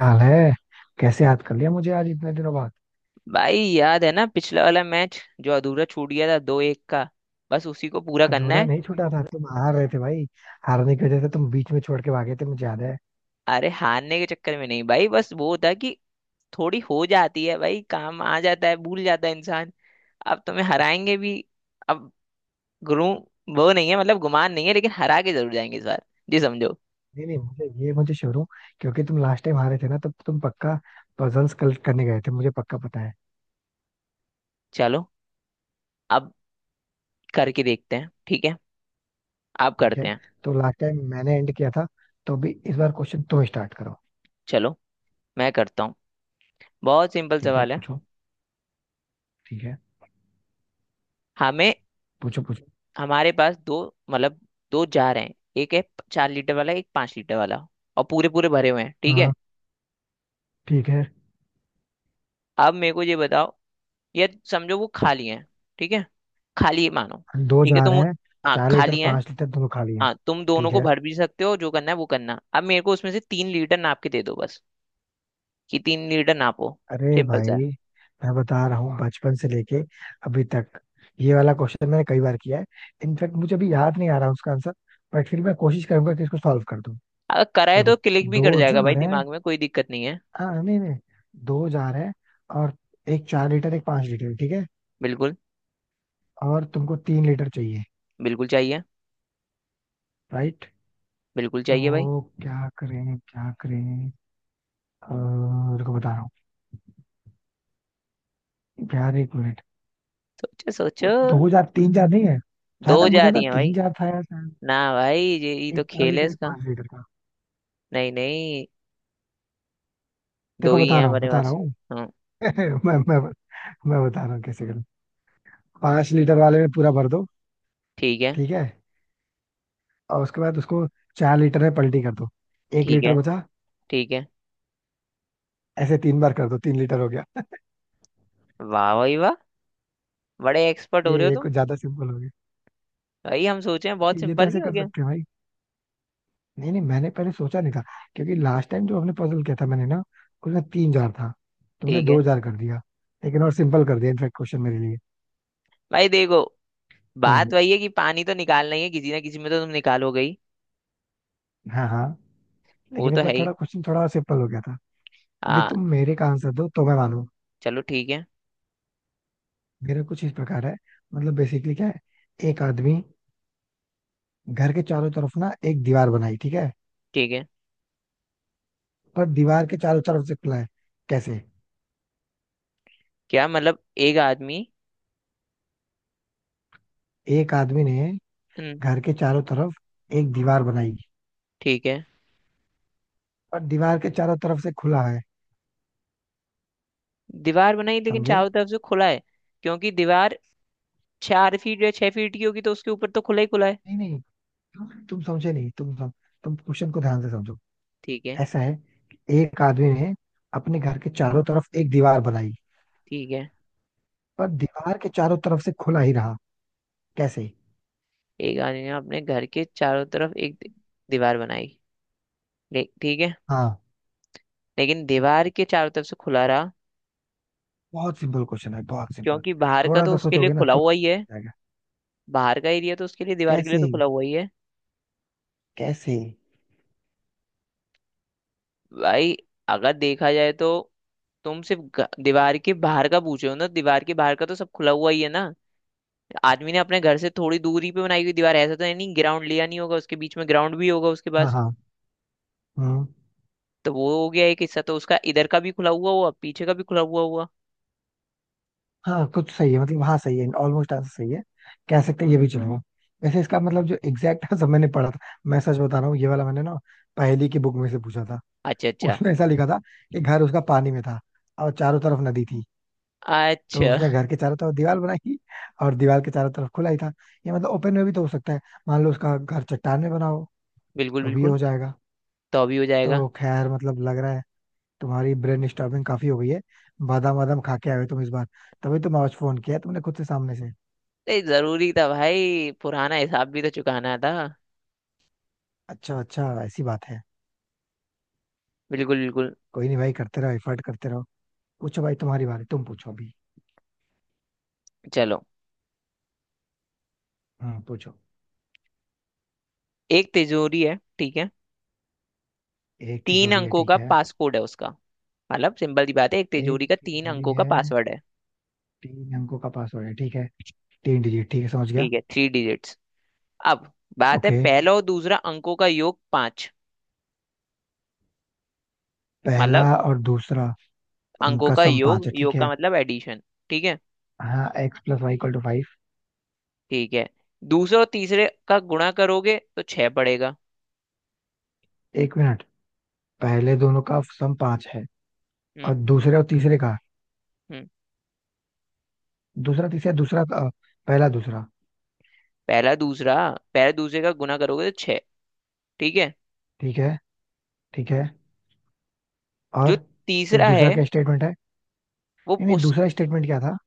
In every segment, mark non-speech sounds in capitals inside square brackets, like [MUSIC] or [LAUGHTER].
हाल है। कैसे याद कर लिया मुझे आज इतने दिनों बाद? भाई, याद है ना? पिछला वाला मैच जो अधूरा छूट गया था, 2-1 का। बस उसी को पूरा करना अधूरा है। नहीं छूटा था, तुम हार रहे थे भाई। हारने की वजह से तुम बीच में छोड़ के भागे थे, मुझे याद है। अरे, हारने के चक्कर में नहीं भाई, बस वो था कि थोड़ी हो जाती है भाई, काम आ जाता है, भूल जाता है इंसान। अब तुम्हें हराएंगे भी। अब गुरु, वो नहीं है मतलब गुमान नहीं है, लेकिन हरा के जरूर जाएंगे इस बार जी, समझो। नहीं नहीं, मुझे श्योर हूँ। क्योंकि तुम लास्ट टाइम हारे थे ना, तब तुम पक्का पजल्स कलेक्ट करने गए थे, मुझे पक्का पता है। चलो, अब करके देखते हैं, ठीक है? आप ठीक करते है। हैं। तो लास्ट टाइम मैंने एंड किया था, तो भी इस बार क्वेश्चन तुम स्टार्ट करो। चलो, मैं करता हूँ। बहुत सिंपल ठीक है, सवाल है। पूछो। ठीक है। हमें, पूछो पूछो। हमारे पास दो, मतलब दो जार हैं। एक है 4 लीटर वाला, एक 5 लीटर वाला। और पूरे पूरे भरे हुए हैं, ठीक है? हाँ, ठीक है। अब मेरे को ये बताओ, ये समझो वो खाली है। ठीक है, खाली मानो। दो ठीक है, जा तुम, रहे हैं। हाँ 4 लीटर खाली है। 5 लीटर दोनों खाली है। हाँ, तुम दोनों ठीक को है। भर भी सकते हो, जो करना है वो करना। अब मेरे को उसमें से 3 लीटर नाप के दे दो बस। कि 3 लीटर नापो। अरे सिंपल सा है। भाई, मैं बता रहा हूँ बचपन से लेके अभी तक ये वाला क्वेश्चन मैंने कई बार किया है। इनफैक्ट मुझे अभी याद नहीं आ रहा उसका आंसर। बट फिर मैं कोशिश करूंगा कि इसको सॉल्व कर दूं। अगर कराए देखो, तो क्लिक भी कर दो जाएगा भाई, जार है। दिमाग में कोई दिक्कत नहीं है। हाँ नहीं नहीं, दो जार है। और एक 4 लीटर, एक 5 लीटर, ठीक है। बिल्कुल। और तुमको 3 लीटर चाहिए, बिल्कुल चाहिए। राइट? बिल्कुल चाहिए भाई। तो क्या करें, क्या करें। रुको बता रहा हूँ यार, 1 मिनट। सोचो वो सोचो। दो जार, तीन जार नहीं है? जहां दो तक जा मुझे रही था है भाई। तीन जार था यार शायद। ना भाई, ये तो एक चार खेल है लीटर एक इसका। पांच लीटर का। नहीं नहीं, दो देखो ही बता हैं रहा हूँ, हमारे बता रहा पास। हूँ। हाँ। [LAUGHS] मैं मैं मैं बता रहा हूँ कैसे करूँ। 5 लीटर वाले में पूरा भर दो। ठीक है। ठीक है। और उसके बाद उसको 4 लीटर में पलटी कर दो। एक ठीक लीटर है। बचा। ठीक है। ऐसे तीन बार कर दो, 3 लीटर हो गया। वाह भाई वाह, बड़े एक्सपर्ट हो ये रहे हो ये तुम। कुछ ज्यादा सिंपल हो गया। भाई, हम सोचे हैं बहुत ये तो सिंपल ऐसे नहीं हो कर गया। सकते हैं भाई। नहीं नहीं, मैंने पहले सोचा नहीं था। क्योंकि लास्ट टाइम जो हमने पजल किया था मैंने ना, उसमें तीन जार था, तुमने ठीक है। दो जार कर दिया। लेकिन और सिंपल कर दिया इनफेक्ट, क्वेश्चन मेरे लिए। भाई देखो, कोई बात नहीं। वही है कि पानी तो निकालना ही है, किसी ना किसी में तो तुम निकालोगे ही। हाँ हाँ। वो लेकिन तो इनका है ही। थोड़ा क्वेश्चन थोड़ा सिंपल हो गया था। अभी हाँ। तुम मेरे का आंसर दो तो मैं मानू। चलो ठीक है। मेरा कुछ इस प्रकार है, मतलब बेसिकली क्या है। एक आदमी, घर के चारों तरफ ना एक दीवार बनाई, ठीक है। ठीक है। पर दीवार के चारों तरफ से खुला है। कैसे? क्या मतलब एक आदमी? एक आदमी ने हम्म, घर के चारों तरफ एक दीवार बनाई। ठीक है। पर दीवार के चारों तरफ से खुला है। दीवार बनाई लेकिन समझे? चारों तरफ से खुला है? क्योंकि दीवार 4 फीट या 6 फीट की होगी, तो उसके ऊपर तो खुला ही खुला है। नहीं नहीं, तुम समझे नहीं। तुम क्वेश्चन को ध्यान से समझो। ठीक है। ऐसा है कि एक आदमी ने अपने घर के चारों तरफ एक दीवार बनाई। ठीक है। पर दीवार के चारों तरफ से खुला ही रहा। कैसे? एक आदमी ने अपने घर के चारों तरफ एक दीवार बनाई। ठीक है। हाँ, लेकिन दीवार के चारों तरफ से खुला रहा? बहुत सिंपल क्वेश्चन है, बहुत सिंपल। क्योंकि बाहर का थोड़ा तो सा उसके लिए सोचोगे ना खुला तो हुआ ही है। निकल जाएगा। बाहर का एरिया तो उसके लिए, दीवार के लिए कैसे? तो खुला हुआ ही है। कैसे? भाई, अगर देखा जाए तो तुम सिर्फ दीवार के बाहर का पूछ रहे हो ना? दीवार के बाहर का तो सब खुला हुआ ही है ना। आदमी ने अपने घर से थोड़ी दूरी पे बनाई हुई दीवार है, ऐसा तो है नहीं। ग्राउंड लिया नहीं होगा, उसके बीच में ग्राउंड भी होगा उसके हाँ पास। हाँ, हम्म, तो वो हो गया, एक हिस्सा तो उसका इधर का भी खुला हुआ हुआ, पीछे का भी खुला हुआ हुआ। हाँ, कुछ सही है, मतलब हाँ सही है, ऑलमोस्ट आंसर सही है। कह सकते हैं, ये भी चलेगा। वैसे इसका मतलब जो एग्जैक्ट आंसर मैंने पढ़ा था, मैं सच बता रहा हूँ, ये वाला मैंने ना पहेली की बुक में से पूछा था। अच्छा अच्छा। उसमें ऐसा लिखा था कि घर उसका पानी में था और चारों तरफ नदी थी। तो अच्छा। उसने घर के चारों तरफ दीवार बनाई, और दीवार के चारों तरफ खुला ही था। ये मतलब ओपन में भी तो हो सकता है। मान लो उसका घर चट्टान में बना हो, बिल्कुल तो भी बिल्कुल। हो जाएगा। तो अभी हो जाएगा। तो खैर मतलब लग रहा है तुम्हारी ब्रेन स्टॉर्मिंग काफी हो गई है। बादाम वादाम खा के आए हो तुम इस बार। तभी तुम आज फोन किया तुमने, खुद से सामने से। ये जरूरी था भाई, पुराना हिसाब भी तो चुकाना था। अच्छा अच्छा, ऐसी बात है। बिल्कुल बिल्कुल। कोई नहीं भाई, करते रहो, एफर्ट करते रहो। पूछो भाई, तुम्हारी बारी, तुम पूछो अभी। चलो, हाँ, पूछो। एक तिजोरी है, ठीक है। एक तीन तिजोरी है, अंकों ठीक का है। पासकोड है उसका। मतलब सिंपल सी बात है, एक एक तिजोरी का तीन तिजोरी अंकों का है, पासवर्ड है। तीन अंकों का पासवर्ड है, ठीक है। तीन डिजिट, ठीक है, समझ गया। ठीक है, थ्री डिजिट्स। अब बात है, ओके। पहला और दूसरा अंकों का योग पांच। पहला मतलब और दूसरा, अंकों उनका का सम पाँच योग, है। ठीक योग है। का मतलब एडिशन। ठीक है। हाँ, X plus Y equal to five. ठीक है, दूसरा और तीसरे का गुणा करोगे तो छह पड़ेगा। एक मिनट। पहले दोनों का सम पाँच है। और हम्म दूसरे और तीसरे का, हम्म। दूसरा तीसरा दूसरा पहला दूसरा। पहला दूसरा, पहला दूसरे का गुणा करोगे तो छह। ठीक है। ठीक है। ठीक है। जो और फिर तीसरा है, दूसरा क्या स्टेटमेंट है? वो नहीं नहीं, उस, दूसरा स्टेटमेंट क्या था?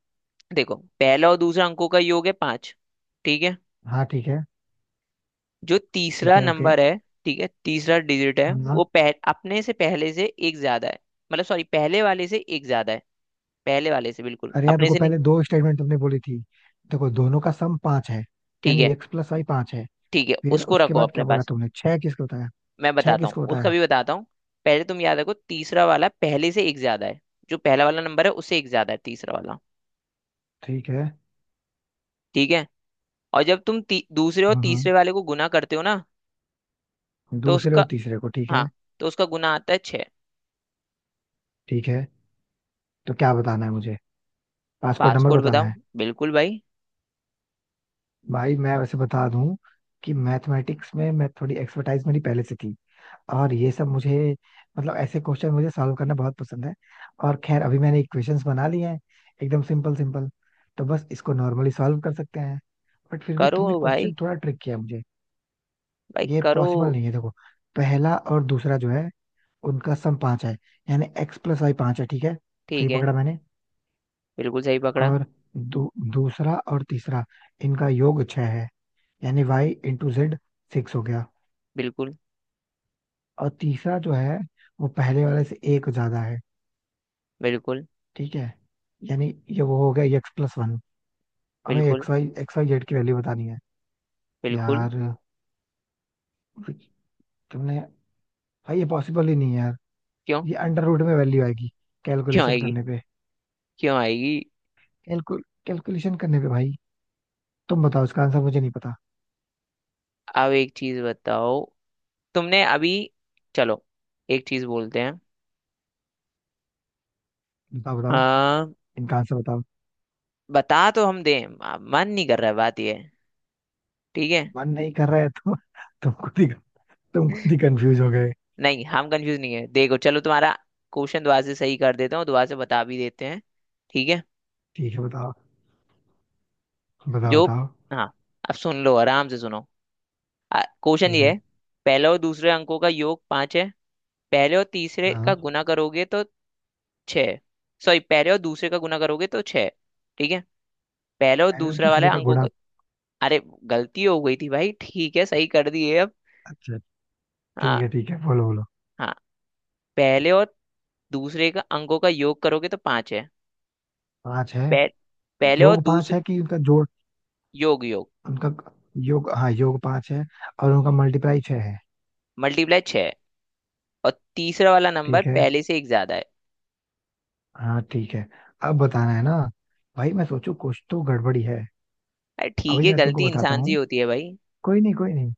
देखो, पहला और दूसरा अंकों का योग है पांच। ठीक है, हाँ, ठीक है। जो ठीक तीसरा है, ओके। नंबर है, ठीक है तीसरा डिजिट है, हाँ हाँ। वो अपने से पहले से एक ज्यादा है। मतलब सॉरी, पहले वाले से एक ज्यादा है। पहले वाले से, बिल्कुल, अरे यार, अपने रुको, से नहीं। पहले दो स्टेटमेंट तुमने बोली थी। देखो, दोनों का सम पांच है, ठीक यानी है। एक्स प्लस वाई पांच है। ठीक है, फिर उसको उसके रखो बाद अपने क्या बोला पास। तुमने? छह किसको बताया? मैं छह बताता हूँ, किसको उसका बताया? भी बताता हूँ। पहले तुम याद रखो, तीसरा वाला पहले से एक ज्यादा है। जो पहला वाला नंबर है, उससे एक ज्यादा है तीसरा वाला। ठीक है। ठीक है। और जब तुम दूसरे और हम्म हम्म। तीसरे वाले को गुना करते हो ना, तो दूसरे उसका, और तीसरे को, ठीक है। हाँ, तो उसका गुना आता है छः। ठीक है, तो क्या बताना है मुझे? पांच को नंबर पासकोड बताना बताओ है? बिल्कुल भाई। भाई मैं वैसे बता दूं कि मैथमेटिक्स में मैं थोड़ी एक्सपर्टाइज मेरी पहले से थी। और ये सब मुझे, मतलब ऐसे क्वेश्चन मुझे सॉल्व करना बहुत पसंद है। और खैर अभी मैंने इक्वेशंस बना लिए हैं, एकदम सिंपल सिंपल। तो बस इसको नॉर्मली सॉल्व कर सकते हैं। बट फिर भी करो तुमने भाई, क्वेश्चन थोड़ा ट्रिक किया मुझे। भाई ये करो। पॉसिबल नहीं है। देखो, पहला और दूसरा जो है, उनका सम पांच है, यानी एक्स प्लस वाई पांच है। ठीक है। ठीक सही है, पकड़ा मैंने? बिल्कुल सही पकड़ा। और दूसरा और तीसरा, इनका योग छह है, यानी वाई इंटू जेड सिक्स हो गया। बिल्कुल। और तीसरा जो है, वो पहले वाले से एक ज्यादा है। बिल्कुल। ठीक है। यानी ये वो हो गया एक्स प्लस वन। हमें बिल्कुल। एक्स वाई जेड की वैल्यू बतानी है। बिल्कुल। यार, तुमने, भाई ये पॉसिबल ही नहीं है यार। क्यों? ये अंडर रूट में वैल्यू आएगी, क्यों कैलकुलेशन आएगी? करने पे। क्यों आएगी? कैलकुलेशन करने पे भाई, तुम बताओ, इसका आंसर मुझे नहीं पता। अब एक चीज बताओ, तुमने अभी, चलो, एक चीज बोलते हैं। बताओ बताओ, आ, इनका आंसर बताओ। बता तो हम दें, मन नहीं कर रहा है, बात ये है। ठीक है। मन नहीं कर रहा है तो [LAUGHS] तुम खुद ही तुम खुद ही कंफ्यूज हो गए। नहीं, हम कंफ्यूज नहीं है। देखो चलो, तुम्हारा क्वेश्चन दोबारा से सही कर देता हूँ, दोबारा से बता भी देते हैं। ठीक है, ठीक है, बताओ। बताओ जो, बताओ। हाँ, अब सुन लो आराम से, सुनो, क्वेश्चन ठीक ये है, है। पहले और दूसरे अंकों का योग पांच है। पहले और तीसरे का हाँ। गुना करोगे तो छह। सॉरी, पहले और दूसरे का गुना करोगे तो छह। ठीक है। पहले और पहले दूसरा दूसरे वाला का अंकों गुणा? का, अरे गलती हो गई थी भाई, ठीक है सही कर दिए अब। अच्छा, ठीक हाँ। है, ठीक है, बोलो बोलो। हाँ, पहले और दूसरे का अंकों का योग करोगे तो पांच है। पांच है, पह, पहले और योग पांच दूसरे, है कि उनका जोड़? योग, योग, उनका योग, हाँ, योग पांच है। और उनका मल्टीप्लाई छह है। मल्टीप्लाई छह है। और तीसरा वाला नंबर ठीक है। पहले से एक ज्यादा है। हाँ, ठीक है। अब बताना है ना। भाई मैं सोचू, कुछ तो गड़बड़ी है। अरे ठीक अभी है, मैं तुमको गलती बताता इंसान से ही हूँ। होती है भाई। कोई नहीं कोई नहीं,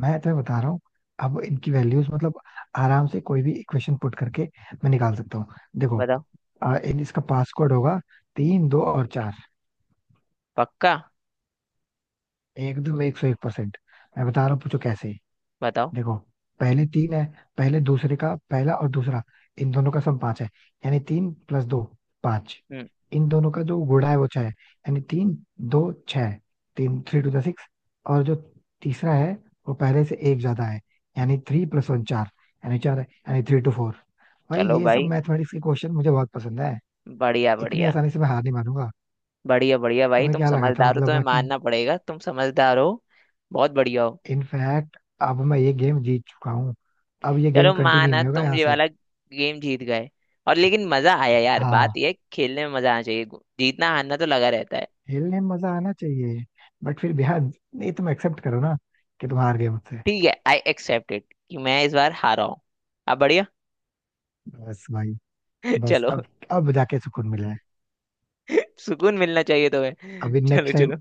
मैं तुम्हें बता रहा हूँ। अब इनकी वैल्यूज, मतलब आराम से कोई भी इक्वेशन पुट करके मैं निकाल सकता हूँ। देखो, बताओ। इन इसका पासवर्ड होगा तीन दो और चार। पक्का। एकदम 101%। मैं बता रहा हूँ, पूछो कैसे। बताओ। देखो, पहले तीन है। पहले दूसरे का पहला और दूसरा, इन दोनों का सम पांच है। यानी तीन प्लस दो, पांच। हम्म। इन दोनों का जो गुणा है वो छह है, यानी तीन दो छह, तीन थ्री टू द सिक्स। और जो तीसरा है, वो पहले से एक ज्यादा है। यानी थ्री प्लस वन चार, यानी चार है, यानी थ्री टू फोर। भाई चलो ये सब भाई, मैथमेटिक्स के क्वेश्चन मुझे बहुत पसंद है। बढ़िया इतनी बढ़िया। आसानी से मैं हार नहीं मानूंगा। बढ़िया बढ़िया भाई, तुम्हें तुम क्या लगा था, समझदार हो, मतलब तुम्हें मैं कि, मानना पड़ेगा, तुम समझदार हो। बहुत बढ़िया हो। इनफैक्ट अब मैं ये गेम जीत चुका हूँ। अब ये चलो, गेम कंटिन्यू माना नहीं होगा तुम यहाँ ये से। वाला गेम जीत गए। और लेकिन मजा आया यार, बात हाँ, यह है, खेलने में मजा आना चाहिए। जीतना हारना तो लगा रहता है। खेलने में मजा आना चाहिए। बट फिर भी यार नहीं, तुम एक्सेप्ट करो ना कि तुम हार गए मुझसे। ठीक है, आई एक्सेप्ट इट कि मैं इस बार हारा हूँ। अब बढ़िया। बस भाई। [LAUGHS] बस, चलो। अब जाके सुकून मिला है। [LAUGHS] सुकून मिलना चाहिए तुम्हें, अभी चलो नेक्स्ट टाइम चलो।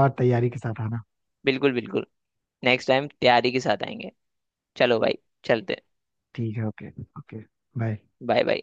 और तैयारी के साथ आना। बिल्कुल बिल्कुल, नेक्स्ट टाइम तैयारी के साथ आएंगे। चलो भाई, चलते। ठीक है, okay. Okay, bye. Bye bye.